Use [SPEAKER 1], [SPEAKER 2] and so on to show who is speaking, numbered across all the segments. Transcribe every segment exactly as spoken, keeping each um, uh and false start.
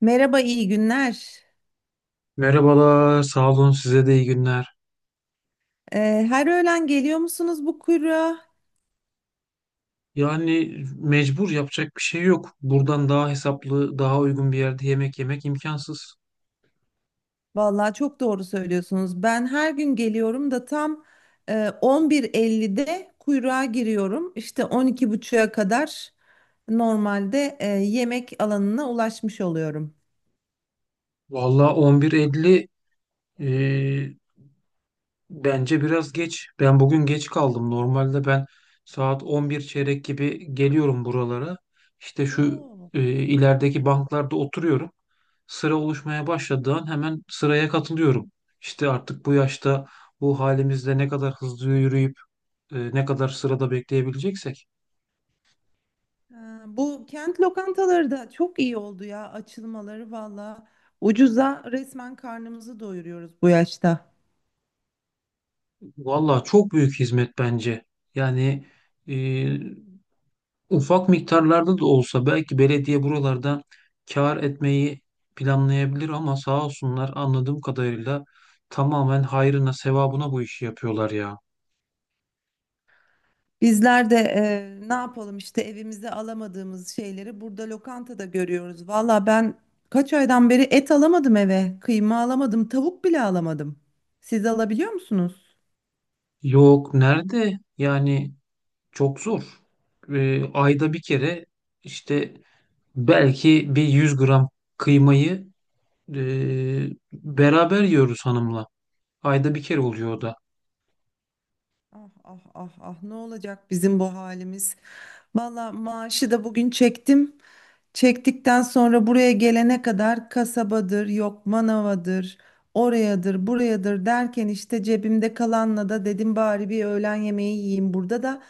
[SPEAKER 1] Merhaba, iyi günler.
[SPEAKER 2] Merhabalar, sağ olun size de iyi günler.
[SPEAKER 1] Ee, her öğlen geliyor musunuz bu kuyruğa?
[SPEAKER 2] Yani mecbur yapacak bir şey yok. Buradan daha hesaplı, daha uygun bir yerde yemek yemek imkansız.
[SPEAKER 1] Vallahi çok doğru söylüyorsunuz. Ben her gün geliyorum da tam e, on bir ellide kuyruğa giriyorum. İşte on iki buçuğa kadar normalde e, yemek alanına ulaşmış oluyorum.
[SPEAKER 2] Vallahi on bir elli e, bence biraz geç. Ben bugün geç kaldım. Normalde ben saat on bir çeyrek gibi geliyorum buralara. İşte şu
[SPEAKER 1] Oo.
[SPEAKER 2] e, ilerideki banklarda oturuyorum. Sıra oluşmaya başladığı an hemen sıraya katılıyorum. İşte artık bu yaşta bu halimizde ne kadar hızlı yürüyüp e, ne kadar sırada bekleyebileceksek.
[SPEAKER 1] Ha, bu kent lokantaları da çok iyi oldu ya açılmaları valla. Ucuza resmen karnımızı doyuruyoruz bu yaşta.
[SPEAKER 2] Valla çok büyük hizmet bence. Yani e, ufak miktarlarda da olsa belki belediye buralarda kâr etmeyi planlayabilir ama sağ olsunlar anladığım kadarıyla tamamen hayrına sevabına bu işi yapıyorlar ya.
[SPEAKER 1] Bizler de e, ne yapalım işte evimize alamadığımız şeyleri burada lokantada görüyoruz. Valla ben kaç aydan beri et alamadım eve, kıyma alamadım, tavuk bile alamadım. Siz alabiliyor musunuz?
[SPEAKER 2] Yok nerede? Yani çok zor. E, ayda bir kere işte belki bir 100 gram kıymayı e, beraber yiyoruz hanımla. Ayda bir kere oluyor o da.
[SPEAKER 1] Ah ah ah ah, ne olacak bizim bu halimiz? Valla maaşı da bugün çektim. Çektikten sonra buraya gelene kadar kasabadır, yok manavadır, orayadır, burayadır derken işte cebimde kalanla da dedim bari bir öğlen yemeği yiyeyim burada da.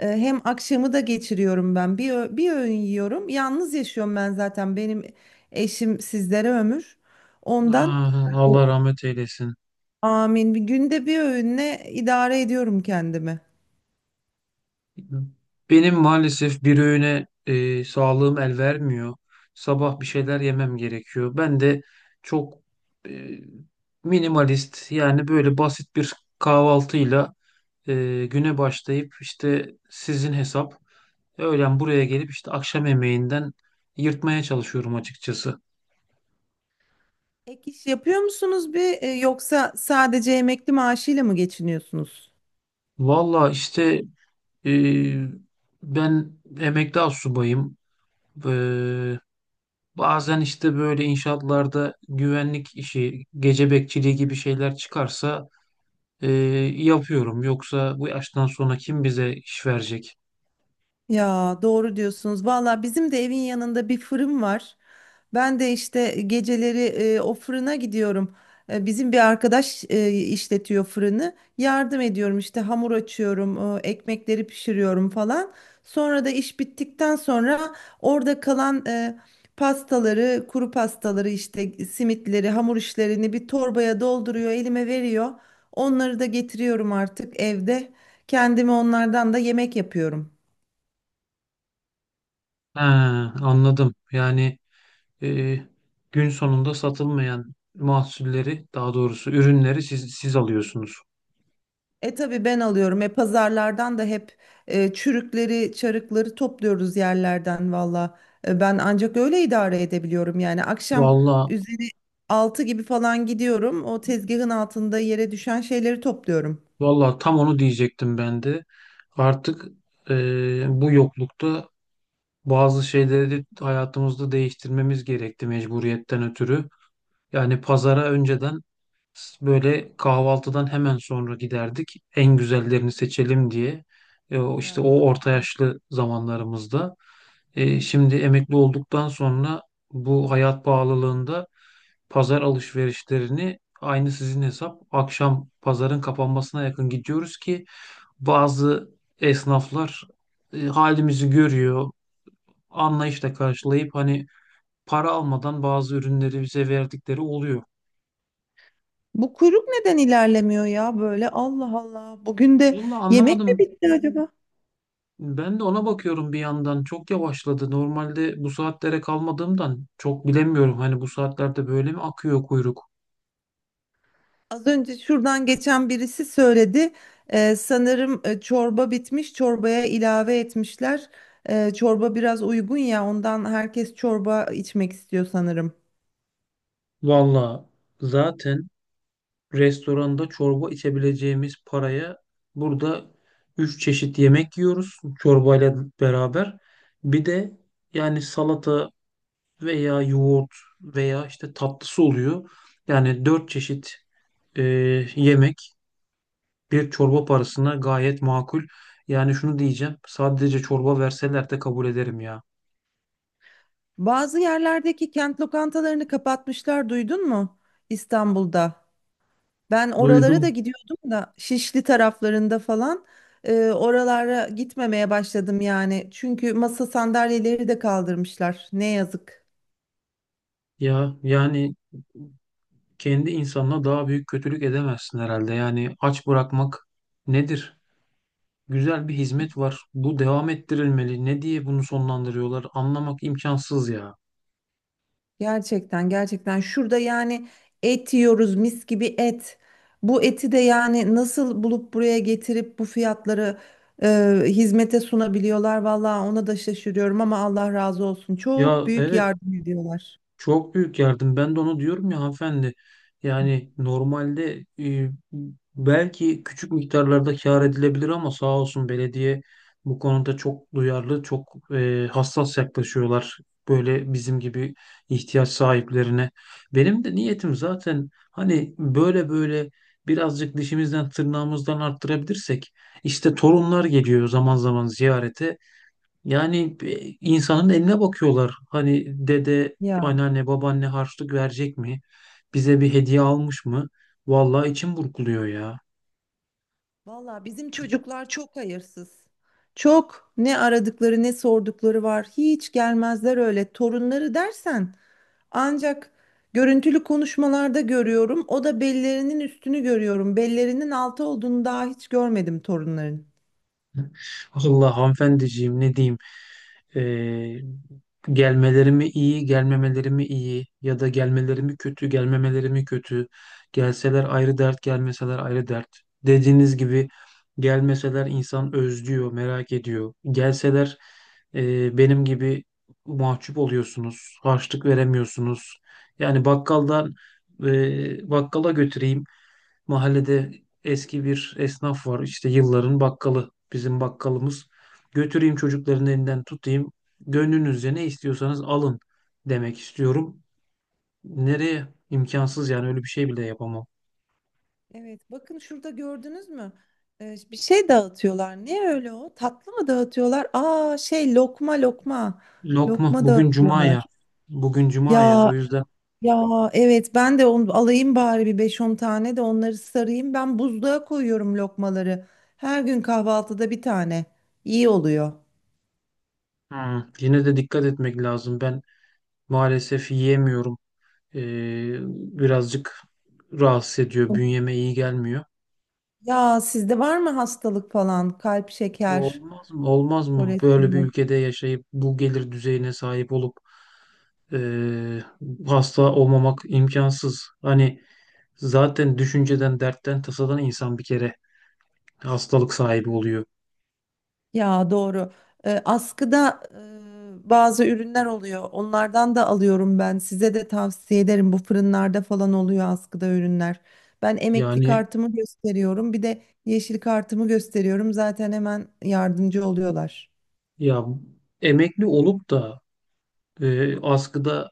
[SPEAKER 1] E, hem akşamı da geçiriyorum ben. Bir, ö- bir öğün yiyorum. Yalnız yaşıyorum ben zaten. Benim eşim sizlere ömür. Ondan
[SPEAKER 2] Ah,
[SPEAKER 1] e,
[SPEAKER 2] Allah rahmet eylesin.
[SPEAKER 1] Amin. Bir günde bir öğünle idare ediyorum kendimi.
[SPEAKER 2] Benim maalesef bir öğüne e, sağlığım el vermiyor. Sabah bir şeyler yemem gerekiyor. Ben de çok e, minimalist yani böyle basit bir kahvaltıyla e, güne başlayıp işte sizin hesap öğlen buraya gelip işte akşam yemeğinden yırtmaya çalışıyorum açıkçası.
[SPEAKER 1] Ek iş yapıyor musunuz bir e, yoksa sadece emekli maaşıyla mı geçiniyorsunuz?
[SPEAKER 2] Valla işte e, ben emekli astsubayım. Ee, Bazen işte böyle inşaatlarda güvenlik işi, gece bekçiliği gibi şeyler çıkarsa e, yapıyorum. Yoksa bu yaştan sonra kim bize iş verecek?
[SPEAKER 1] Ya doğru diyorsunuz. Valla bizim de evin yanında bir fırın var. Ben de işte geceleri e, o fırına gidiyorum. E, bizim bir arkadaş e, işletiyor fırını. Yardım ediyorum işte hamur açıyorum, e, ekmekleri pişiriyorum falan. Sonra da iş bittikten sonra orada kalan e, pastaları, kuru pastaları işte simitleri, hamur işlerini bir torbaya dolduruyor, elime veriyor. Onları da getiriyorum artık evde. Kendime onlardan da yemek yapıyorum.
[SPEAKER 2] Ha, anladım. Yani e, gün sonunda satılmayan mahsulleri, daha doğrusu ürünleri siz siz alıyorsunuz.
[SPEAKER 1] E, tabii ben alıyorum. E, pazarlardan da hep e, çürükleri, çarıkları topluyoruz yerlerden valla. E, ben ancak öyle idare edebiliyorum. Yani akşam
[SPEAKER 2] Vallahi,
[SPEAKER 1] üzeri altı gibi falan gidiyorum. O tezgahın altında yere düşen şeyleri topluyorum.
[SPEAKER 2] vallahi tam onu diyecektim ben de. Artık e, bu yoklukta bazı şeyleri de hayatımızda değiştirmemiz gerekti mecburiyetten ötürü. Yani pazara önceden s- böyle kahvaltıdan hemen sonra giderdik. En güzellerini seçelim diye. E, o işte o
[SPEAKER 1] Ya,
[SPEAKER 2] orta yaşlı zamanlarımızda. E, şimdi emekli olduktan sonra bu hayat pahalılığında pazar alışverişlerini aynı sizin hesap akşam pazarın kapanmasına yakın gidiyoruz ki bazı esnaflar e, halimizi görüyor, anlayışla karşılayıp hani para almadan bazı ürünleri bize verdikleri oluyor.
[SPEAKER 1] bu kuyruk neden ilerlemiyor ya böyle? Allah Allah. Bugün de
[SPEAKER 2] Vallahi
[SPEAKER 1] yemek mi
[SPEAKER 2] anlamadım.
[SPEAKER 1] bitti acaba?
[SPEAKER 2] Ben de ona bakıyorum bir yandan. Çok yavaşladı. Normalde bu saatlere kalmadığımdan çok bilemiyorum. Hani bu saatlerde böyle mi akıyor kuyruk?
[SPEAKER 1] Az önce şuradan geçen birisi söyledi. Ee, sanırım e, çorba bitmiş, çorbaya ilave etmişler. Ee, çorba biraz uygun ya, ondan herkes çorba içmek istiyor sanırım.
[SPEAKER 2] Valla zaten restoranda çorba içebileceğimiz paraya burada üç çeşit yemek yiyoruz çorbayla beraber. Bir de yani salata veya yoğurt veya işte tatlısı oluyor. Yani dört çeşit e, yemek. Bir çorba parasına gayet makul. Yani şunu diyeceğim. Sadece çorba verseler de kabul ederim ya.
[SPEAKER 1] Bazı yerlerdeki kent lokantalarını kapatmışlar, duydun mu? İstanbul'da. Ben oralara da
[SPEAKER 2] Duydum
[SPEAKER 1] gidiyordum da Şişli taraflarında falan e, oralara gitmemeye başladım yani. Çünkü masa sandalyeleri de kaldırmışlar. Ne yazık.
[SPEAKER 2] ya. Yani kendi insanına daha büyük kötülük edemezsin herhalde. Yani aç bırakmak nedir? Güzel bir hizmet var. Bu devam ettirilmeli. Ne diye bunu sonlandırıyorlar? Anlamak imkansız ya.
[SPEAKER 1] Gerçekten, gerçekten şurada yani et yiyoruz, mis gibi et. Bu eti de yani nasıl bulup buraya getirip bu fiyatları e, hizmete sunabiliyorlar. Vallahi ona da şaşırıyorum ama Allah razı olsun. Çok
[SPEAKER 2] Ya,
[SPEAKER 1] büyük
[SPEAKER 2] evet.
[SPEAKER 1] yardım ediyorlar.
[SPEAKER 2] Çok büyük yardım. Ben de onu diyorum ya hanımefendi. Yani normalde e, belki küçük miktarlarda kâr edilebilir ama sağ olsun belediye bu konuda çok duyarlı, çok e, hassas yaklaşıyorlar. Böyle bizim gibi ihtiyaç sahiplerine. Benim de niyetim zaten hani böyle böyle birazcık dişimizden tırnağımızdan arttırabilirsek işte torunlar geliyor zaman zaman ziyarete. Yani e, insanın eline bakıyorlar. Hani dede,
[SPEAKER 1] Ya
[SPEAKER 2] anneanne, babaanne harçlık verecek mi? Bize bir hediye almış mı? Vallahi içim burkuluyor ya.
[SPEAKER 1] valla bizim çocuklar çok hayırsız. Çok ne aradıkları ne sordukları var. Hiç gelmezler öyle. Torunları dersen ancak görüntülü konuşmalarda görüyorum. O da bellerinin üstünü görüyorum. Bellerinin altı olduğunu daha hiç görmedim torunların.
[SPEAKER 2] Vallahi hanımefendiciğim ne diyeyim. Ee, Gelmeleri mi iyi, gelmemeleri mi iyi ya da gelmeleri mi kötü, gelmemeleri mi kötü. Gelseler ayrı dert, gelmeseler ayrı dert. Dediğiniz gibi gelmeseler insan özlüyor, merak ediyor. Gelseler e, benim gibi mahcup oluyorsunuz, harçlık veremiyorsunuz. Yani bakkaldan e, bakkala götüreyim. Mahallede eski bir esnaf var. İşte yılların bakkalı. Bizim bakkalımız. Götüreyim çocukların elinden tutayım. Gönlünüzce ne istiyorsanız alın demek istiyorum. Nereye? İmkansız yani öyle bir şey bile yapamam.
[SPEAKER 1] Evet, bakın şurada gördünüz mü? Ee, bir şey dağıtıyorlar. Ne öyle o? Tatlı mı dağıtıyorlar? Aa, şey, lokma lokma.
[SPEAKER 2] Lokma
[SPEAKER 1] Lokma
[SPEAKER 2] bugün cuma
[SPEAKER 1] dağıtıyorlar.
[SPEAKER 2] ya. Bugün cuma ya. O
[SPEAKER 1] Ya,
[SPEAKER 2] yüzden
[SPEAKER 1] ya, evet, ben de onu alayım bari, bir beş on tane de onları sarayım. Ben buzluğa koyuyorum lokmaları. Her gün kahvaltıda bir tane. İyi oluyor.
[SPEAKER 2] hmm, yine de dikkat etmek lazım. Ben maalesef yiyemiyorum. Ee, Birazcık rahatsız ediyor. Bünyeme iyi gelmiyor.
[SPEAKER 1] Ya, sizde var mı hastalık falan? Kalp, şeker,
[SPEAKER 2] Olmaz mı? Olmaz mı böyle bir
[SPEAKER 1] kolesterol?
[SPEAKER 2] ülkede yaşayıp bu gelir düzeyine sahip olup eee, hasta olmamak imkansız. Hani zaten düşünceden, dertten, tasadan insan bir kere hastalık sahibi oluyor.
[SPEAKER 1] Ya doğru. Ee, askıda e, bazı ürünler oluyor. Onlardan da alıyorum ben. Size de tavsiye ederim. Bu fırınlarda falan oluyor askıda ürünler. Ben emekli
[SPEAKER 2] Yani
[SPEAKER 1] kartımı gösteriyorum. Bir de yeşil kartımı gösteriyorum. Zaten hemen yardımcı oluyorlar.
[SPEAKER 2] ya emekli olup da eee askıdaki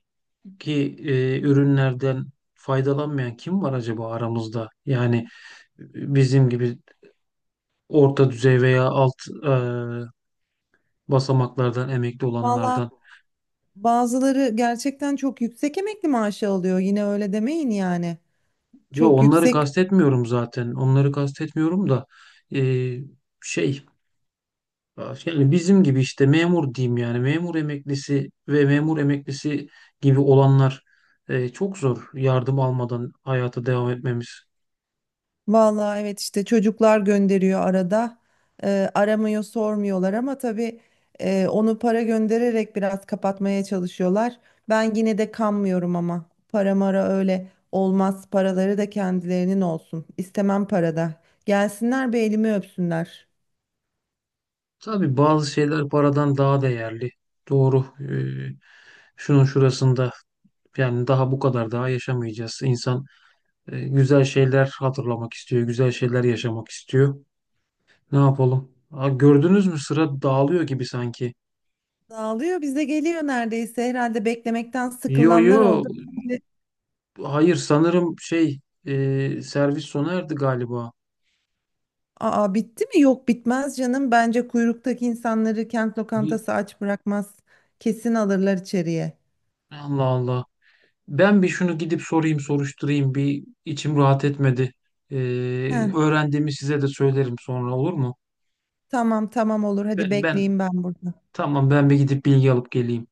[SPEAKER 2] eee, ürünlerden faydalanmayan kim var acaba aramızda? Yani e, bizim gibi orta düzey veya alt eee, basamaklardan emekli
[SPEAKER 1] Valla
[SPEAKER 2] olanlardan.
[SPEAKER 1] bazıları gerçekten çok yüksek emekli maaşı alıyor. Yine öyle demeyin yani.
[SPEAKER 2] Yo
[SPEAKER 1] Çok
[SPEAKER 2] onları
[SPEAKER 1] yüksek.
[SPEAKER 2] kastetmiyorum zaten. Onları kastetmiyorum da e, şey yani bizim gibi işte memur diyeyim yani memur emeklisi ve memur emeklisi gibi olanlar e, çok zor yardım almadan hayata devam etmemiz.
[SPEAKER 1] Vallahi evet, işte çocuklar gönderiyor arada. Eee, aramıyor, sormuyorlar ama tabii, eee, onu para göndererek biraz kapatmaya çalışıyorlar. Ben yine de kanmıyorum, ama para mara öyle olmaz. Paraları da kendilerinin olsun. İstemem para da. Gelsinler bir elimi öpsünler.
[SPEAKER 2] Tabii bazı şeyler paradan daha değerli. Doğru. E, şunun şurasında yani daha bu kadar daha yaşamayacağız. İnsan e, güzel şeyler hatırlamak istiyor, güzel şeyler yaşamak istiyor. Ne yapalım? Aa, gördünüz mü sıra dağılıyor gibi sanki.
[SPEAKER 1] Dağılıyor, bize geliyor neredeyse. Herhalde beklemekten
[SPEAKER 2] Yo,
[SPEAKER 1] sıkılanlar
[SPEAKER 2] yo,
[SPEAKER 1] oldu. Bence-
[SPEAKER 2] hayır sanırım şey e, servis sona erdi galiba.
[SPEAKER 1] Aa, bitti mi? Yok, bitmez canım. Bence kuyruktaki insanları kent
[SPEAKER 2] Bir,
[SPEAKER 1] lokantası aç bırakmaz. Kesin alırlar içeriye.
[SPEAKER 2] Allah Allah. Ben bir şunu gidip sorayım soruşturayım bir içim rahat etmedi. E,
[SPEAKER 1] Heh,
[SPEAKER 2] Öğrendiğimi size de söylerim sonra olur mu?
[SPEAKER 1] tamam, tamam, olur. Hadi
[SPEAKER 2] Ben,
[SPEAKER 1] bekleyeyim
[SPEAKER 2] ben
[SPEAKER 1] ben burada.
[SPEAKER 2] tamam ben bir gidip bilgi alıp geleyim.